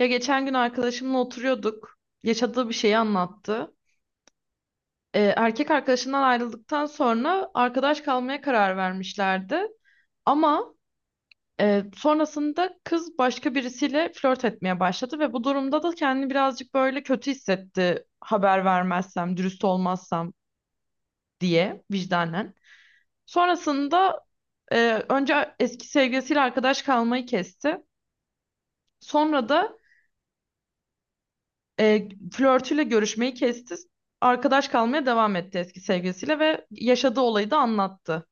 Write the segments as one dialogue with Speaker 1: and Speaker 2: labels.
Speaker 1: Ya geçen gün arkadaşımla oturuyorduk. Yaşadığı bir şeyi anlattı. Erkek arkadaşından ayrıldıktan sonra arkadaş kalmaya karar vermişlerdi. Ama sonrasında kız başka birisiyle flört etmeye başladı ve bu durumda da kendini birazcık böyle kötü hissetti. Haber vermezsem, dürüst olmazsam diye vicdanen. Sonrasında e, önce eski sevgilisiyle arkadaş kalmayı kesti. Sonra da E, flörtüyle görüşmeyi kesti. Arkadaş kalmaya devam etti eski sevgilisiyle ve yaşadığı olayı da anlattı.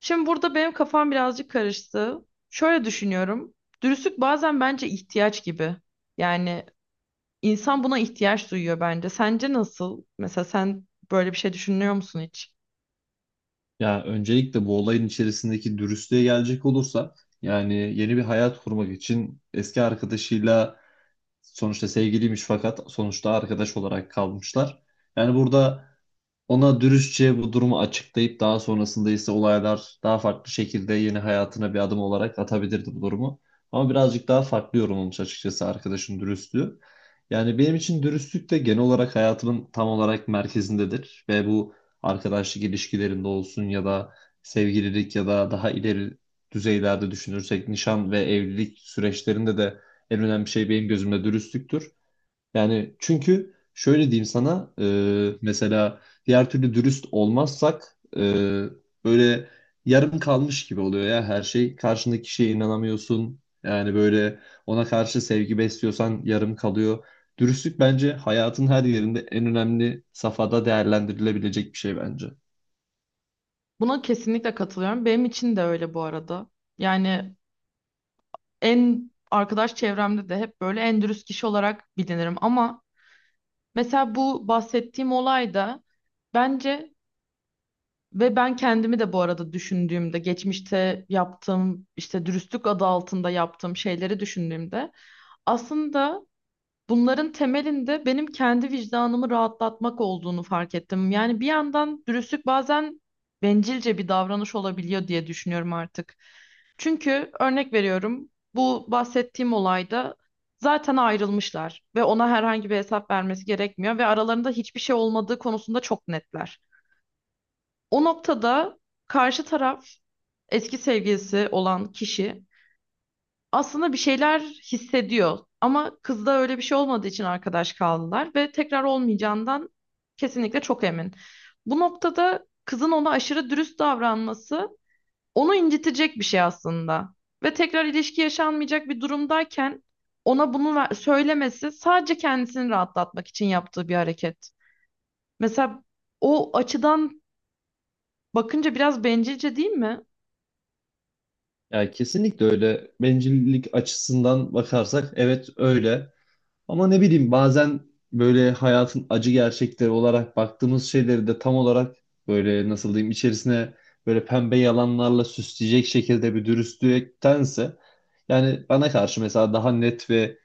Speaker 1: Şimdi burada benim kafam birazcık karıştı. Şöyle düşünüyorum. Dürüstlük bazen bence ihtiyaç gibi. Yani insan buna ihtiyaç duyuyor bence. Sence nasıl? Mesela sen böyle bir şey düşünüyor musun hiç?
Speaker 2: Ya öncelikle bu olayın içerisindeki dürüstlüğe gelecek olursa yani yeni bir hayat kurmak için eski arkadaşıyla sonuçta sevgiliymiş, fakat sonuçta arkadaş olarak kalmışlar. Yani burada ona dürüstçe bu durumu açıklayıp daha sonrasında ise olaylar daha farklı şekilde yeni hayatına bir adım olarak atabilirdi bu durumu. Ama birazcık daha farklı yorumlamış açıkçası arkadaşın dürüstlüğü. Yani benim için dürüstlük de genel olarak hayatımın tam olarak merkezindedir. Ve bu arkadaşlık ilişkilerinde olsun ya da sevgililik ya da daha ileri düzeylerde düşünürsek nişan ve evlilik süreçlerinde de en önemli şey benim gözümde dürüstlüktür. Yani çünkü şöyle diyeyim sana, mesela diğer türlü dürüst olmazsak böyle yarım kalmış gibi oluyor ya her şey. Karşındaki kişiye inanamıyorsun. Yani böyle ona karşı sevgi besliyorsan yarım kalıyor. Dürüstlük bence hayatın her yerinde en önemli safhada değerlendirilebilecek bir şey bence.
Speaker 1: Buna kesinlikle katılıyorum. Benim için de öyle bu arada. Yani en arkadaş çevremde de hep böyle en dürüst kişi olarak bilinirim, ama mesela bu bahsettiğim olayda, bence, ve ben kendimi de bu arada düşündüğümde geçmişte yaptığım işte dürüstlük adı altında yaptığım şeyleri düşündüğümde aslında bunların temelinde benim kendi vicdanımı rahatlatmak olduğunu fark ettim. Yani bir yandan dürüstlük bazen bencilce bir davranış olabiliyor diye düşünüyorum artık. Çünkü örnek veriyorum, bu bahsettiğim olayda zaten ayrılmışlar ve ona herhangi bir hesap vermesi gerekmiyor ve aralarında hiçbir şey olmadığı konusunda çok netler. O noktada karşı taraf, eski sevgilisi olan kişi, aslında bir şeyler hissediyor. Ama kızda öyle bir şey olmadığı için arkadaş kaldılar ve tekrar olmayacağından kesinlikle çok emin. Bu noktada kızın ona aşırı dürüst davranması onu incitecek bir şey aslında. Ve tekrar ilişki yaşanmayacak bir durumdayken ona bunu söylemesi sadece kendisini rahatlatmak için yaptığı bir hareket. Mesela o açıdan bakınca biraz bencilce değil mi?
Speaker 2: Yani kesinlikle öyle. Bencillik açısından bakarsak evet öyle. Ama ne bileyim, bazen böyle hayatın acı gerçekleri olarak baktığımız şeyleri de tam olarak böyle, nasıl diyeyim, içerisine böyle pembe yalanlarla süsleyecek şekilde bir dürüstlüktense, yani bana karşı mesela daha net ve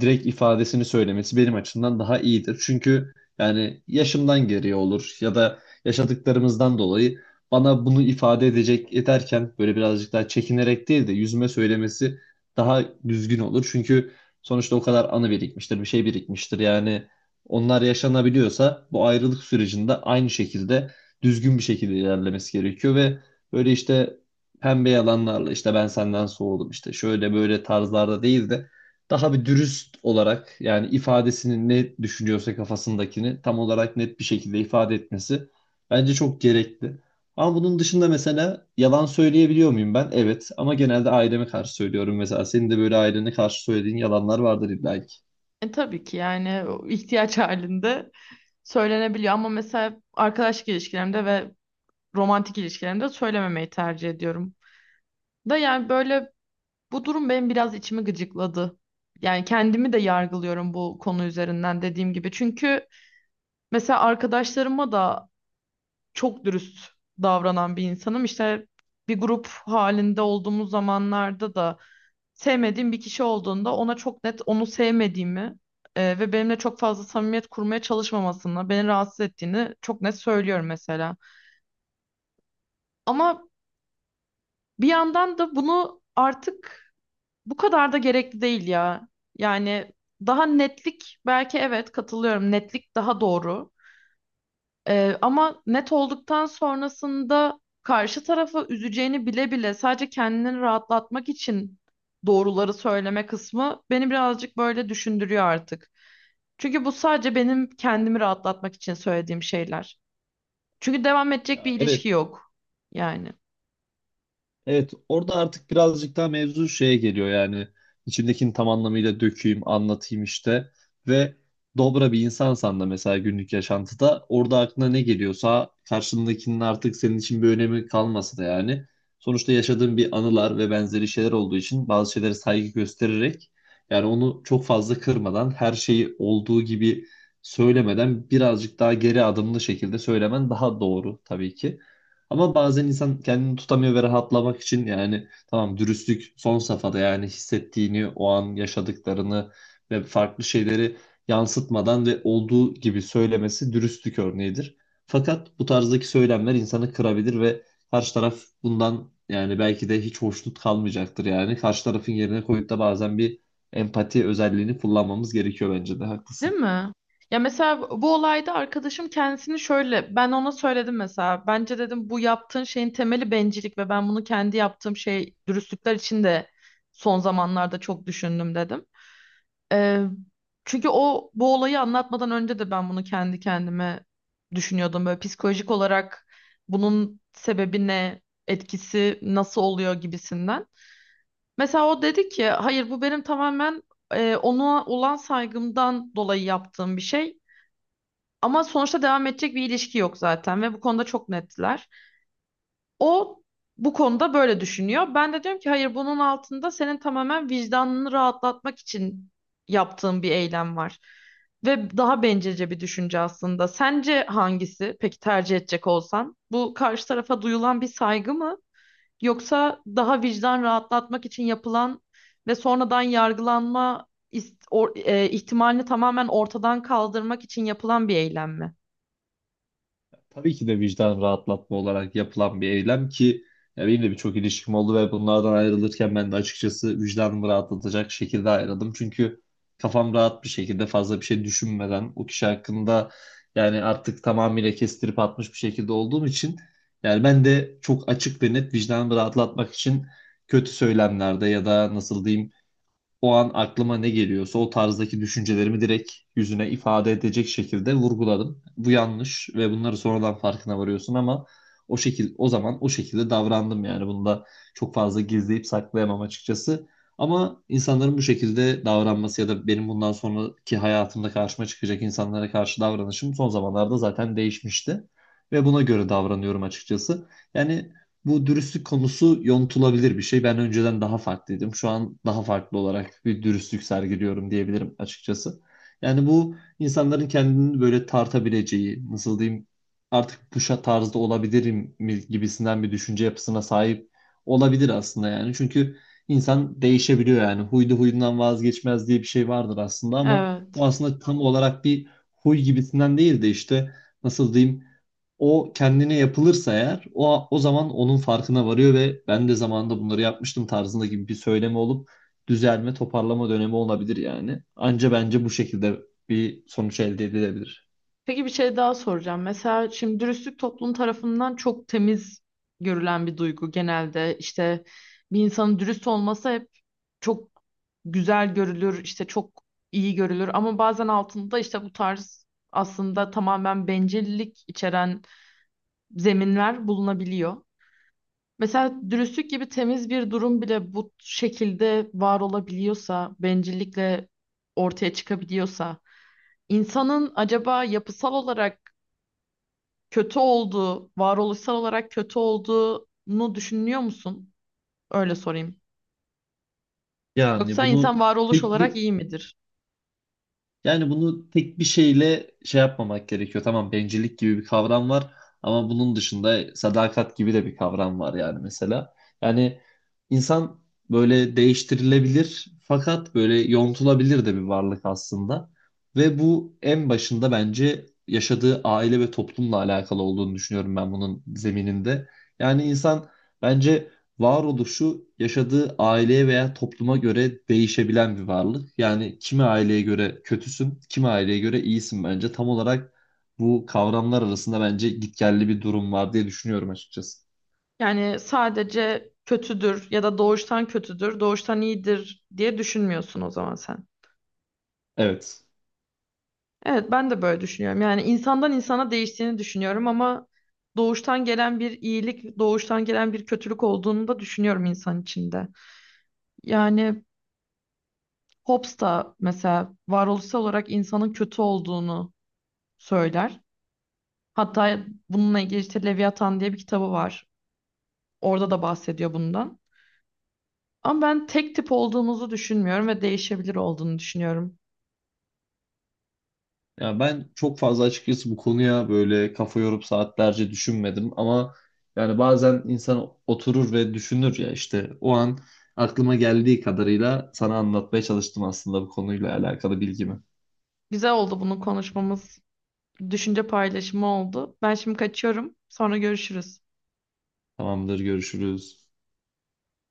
Speaker 2: direkt ifadesini söylemesi benim açımdan daha iyidir. Çünkü yani yaşımdan geriye olur ya da yaşadıklarımızdan dolayı bana bunu ifade edecek, ederken böyle birazcık daha çekinerek değil de yüzüme söylemesi daha düzgün olur. Çünkü sonuçta o kadar anı birikmiştir, bir şey birikmiştir. Yani onlar yaşanabiliyorsa bu ayrılık sürecinde aynı şekilde düzgün bir şekilde ilerlemesi gerekiyor ve böyle işte pembe yalanlarla, işte ben senden soğudum, işte şöyle böyle tarzlarda değil de daha bir dürüst olarak, yani ifadesini ne düşünüyorsa, kafasındakini tam olarak net bir şekilde ifade etmesi bence çok gerekli. Ama bunun dışında mesela yalan söyleyebiliyor muyum ben? Evet, ama genelde aileme karşı söylüyorum mesela. Senin de böyle ailene karşı söylediğin yalanlar vardır illa ki.
Speaker 1: E tabii ki, yani o ihtiyaç halinde söylenebiliyor, ama mesela arkadaşlık ilişkilerimde ve romantik ilişkilerimde söylememeyi tercih ediyorum. Da yani böyle bu durum benim biraz içimi gıcıkladı. Yani kendimi de yargılıyorum bu konu üzerinden, dediğim gibi. Çünkü mesela arkadaşlarıma da çok dürüst davranan bir insanım. İşte bir grup halinde olduğumuz zamanlarda da sevmediğim bir kişi olduğunda ona çok net onu sevmediğimi, ve benimle çok fazla samimiyet kurmaya çalışmamasını, beni rahatsız ettiğini çok net söylüyorum mesela. Ama bir yandan da bunu artık bu kadar da gerekli değil ya. Yani daha netlik, belki, evet, katılıyorum. Netlik daha doğru. Ama net olduktan sonrasında karşı tarafı üzeceğini bile bile sadece kendini rahatlatmak için doğruları söyleme kısmı beni birazcık böyle düşündürüyor artık. Çünkü bu sadece benim kendimi rahatlatmak için söylediğim şeyler. Çünkü devam edecek bir
Speaker 2: Ya,
Speaker 1: ilişki
Speaker 2: evet.
Speaker 1: yok yani.
Speaker 2: Evet, orada artık birazcık daha mevzu şeye geliyor yani, içimdekini tam anlamıyla dökeyim, anlatayım işte. Ve dobra bir insansan da mesela günlük yaşantıda, orada aklına ne geliyorsa, karşındakinin artık senin için bir önemi kalmasa da yani sonuçta yaşadığın bir anılar ve benzeri şeyler olduğu için bazı şeylere saygı göstererek, yani onu çok fazla kırmadan, her şeyi olduğu gibi söylemeden birazcık daha geri adımlı şekilde söylemen daha doğru tabii ki. Ama bazen insan kendini tutamıyor ve rahatlamak için, yani tamam, dürüstlük son safhada yani hissettiğini, o an yaşadıklarını ve farklı şeyleri yansıtmadan ve olduğu gibi söylemesi dürüstlük örneğidir. Fakat bu tarzdaki söylemler insanı kırabilir ve karşı taraf bundan, yani belki de hiç hoşnut kalmayacaktır yani. Karşı tarafın yerine koyup da bazen bir empati özelliğini kullanmamız gerekiyor, bence de
Speaker 1: Değil
Speaker 2: haklısın.
Speaker 1: mi? Ya mesela bu olayda arkadaşım kendisini şöyle, ben ona söyledim mesela, bence dedim bu yaptığın şeyin temeli bencillik ve ben bunu kendi yaptığım şey dürüstlükler için de son zamanlarda çok düşündüm dedim. Ee, Çünkü o bu olayı anlatmadan önce de ben bunu kendi kendime düşünüyordum, böyle psikolojik olarak bunun sebebi ne, etkisi nasıl oluyor gibisinden. Mesela o dedi ki hayır, bu benim tamamen ona olan saygımdan dolayı yaptığım bir şey. Ama sonuçta devam edecek bir ilişki yok zaten ve bu konuda çok nettiler. O bu konuda böyle düşünüyor. Ben de diyorum ki hayır, bunun altında senin tamamen vicdanını rahatlatmak için yaptığın bir eylem var. Ve daha bencilce bir düşünce aslında. Sence hangisi peki tercih edecek olsan? Bu karşı tarafa duyulan bir saygı mı? Yoksa daha vicdan rahatlatmak için yapılan ve sonradan yargılanma ihtimalini tamamen ortadan kaldırmak için yapılan bir eylem mi?
Speaker 2: Tabii ki de vicdan rahatlatma olarak yapılan bir eylem ki, ya benim de birçok ilişkim oldu ve bunlardan ayrılırken ben de açıkçası vicdanımı rahatlatacak şekilde ayrıldım. Çünkü kafam rahat bir şekilde, fazla bir şey düşünmeden o kişi hakkında, yani artık tamamıyla kestirip atmış bir şekilde olduğum için, yani ben de çok açık ve net vicdanımı rahatlatmak için kötü söylemlerde ya da, nasıl diyeyim, o an aklıma ne geliyorsa o tarzdaki düşüncelerimi direkt yüzüne ifade edecek şekilde vurguladım. Bu yanlış ve bunları sonradan farkına varıyorsun, ama o şekil, o zaman o şekilde davrandım yani, bunu da çok fazla gizleyip saklayamam açıkçası. Ama insanların bu şekilde davranması ya da benim bundan sonraki hayatımda karşıma çıkacak insanlara karşı davranışım son zamanlarda zaten değişmişti ve buna göre davranıyorum açıkçası. Yani bu dürüstlük konusu yontulabilir bir şey. Ben önceden daha farklıydım. Şu an daha farklı olarak bir dürüstlük sergiliyorum diyebilirim açıkçası. Yani bu, insanların kendini böyle tartabileceği, nasıl diyeyim, artık bu tarzda olabilirim mi gibisinden bir düşünce yapısına sahip olabilir aslında yani. Çünkü insan değişebiliyor yani. Huydu huyundan vazgeçmez diye bir şey vardır aslında, ama bu
Speaker 1: Evet.
Speaker 2: aslında tam olarak bir huy gibisinden değil de, işte nasıl diyeyim, o kendine yapılırsa eğer o zaman onun farkına varıyor ve ben de zamanında bunları yapmıştım tarzında gibi bir söyleme olup düzelme, toparlama dönemi olabilir yani. Anca bence bu şekilde bir sonuç elde edilebilir.
Speaker 1: Peki bir şey daha soracağım. Mesela şimdi dürüstlük toplum tarafından çok temiz görülen bir duygu genelde. İşte bir insanın dürüst olması hep çok güzel görülür, işte çok iyi görülür, ama bazen altında işte bu tarz aslında tamamen bencillik içeren zeminler bulunabiliyor. Mesela dürüstlük gibi temiz bir durum bile bu şekilde var olabiliyorsa, bencillikle ortaya çıkabiliyorsa, insanın acaba yapısal olarak kötü olduğu, varoluşsal olarak kötü olduğunu düşünüyor musun? Öyle sorayım.
Speaker 2: Yani
Speaker 1: Yoksa insan
Speaker 2: bunu
Speaker 1: varoluş
Speaker 2: tek
Speaker 1: olarak
Speaker 2: bir
Speaker 1: iyi midir?
Speaker 2: Yani bunu tek bir şeyle şey yapmamak gerekiyor. Tamam, bencillik gibi bir kavram var ama bunun dışında sadakat gibi de bir kavram var yani, mesela. Yani insan böyle değiştirilebilir, fakat böyle yontulabilir de bir varlık aslında. Ve bu en başında bence yaşadığı aile ve toplumla alakalı olduğunu düşünüyorum ben, bunun zemininde. Yani insan bence varoluşu yaşadığı aileye veya topluma göre değişebilen bir varlık. Yani kimi aileye göre kötüsün, kimi aileye göre iyisin bence. Tam olarak bu kavramlar arasında bence gitgelli bir durum var diye düşünüyorum açıkçası.
Speaker 1: Yani sadece kötüdür ya da doğuştan kötüdür, doğuştan iyidir diye düşünmüyorsun o zaman sen.
Speaker 2: Evet.
Speaker 1: Evet, ben de böyle düşünüyorum. Yani insandan insana değiştiğini düşünüyorum, ama doğuştan gelen bir iyilik, doğuştan gelen bir kötülük olduğunu da düşünüyorum insan içinde. Yani Hobbes da mesela varoluşsal olarak insanın kötü olduğunu söyler. Hatta bununla ilgili işte Leviathan diye bir kitabı var. Orada da bahsediyor bundan. Ama ben tek tip olduğumuzu düşünmüyorum ve değişebilir olduğunu düşünüyorum.
Speaker 2: Ya ben çok fazla açıkçası bu konuya böyle kafa yorup saatlerce düşünmedim, ama yani bazen insan oturur ve düşünür ya, işte o an aklıma geldiği kadarıyla sana anlatmaya çalıştım aslında bu konuyla alakalı bilgimi.
Speaker 1: Güzel oldu bunu konuşmamız. Düşünce paylaşımı oldu. Ben şimdi kaçıyorum. Sonra görüşürüz.
Speaker 2: Tamamdır, görüşürüz.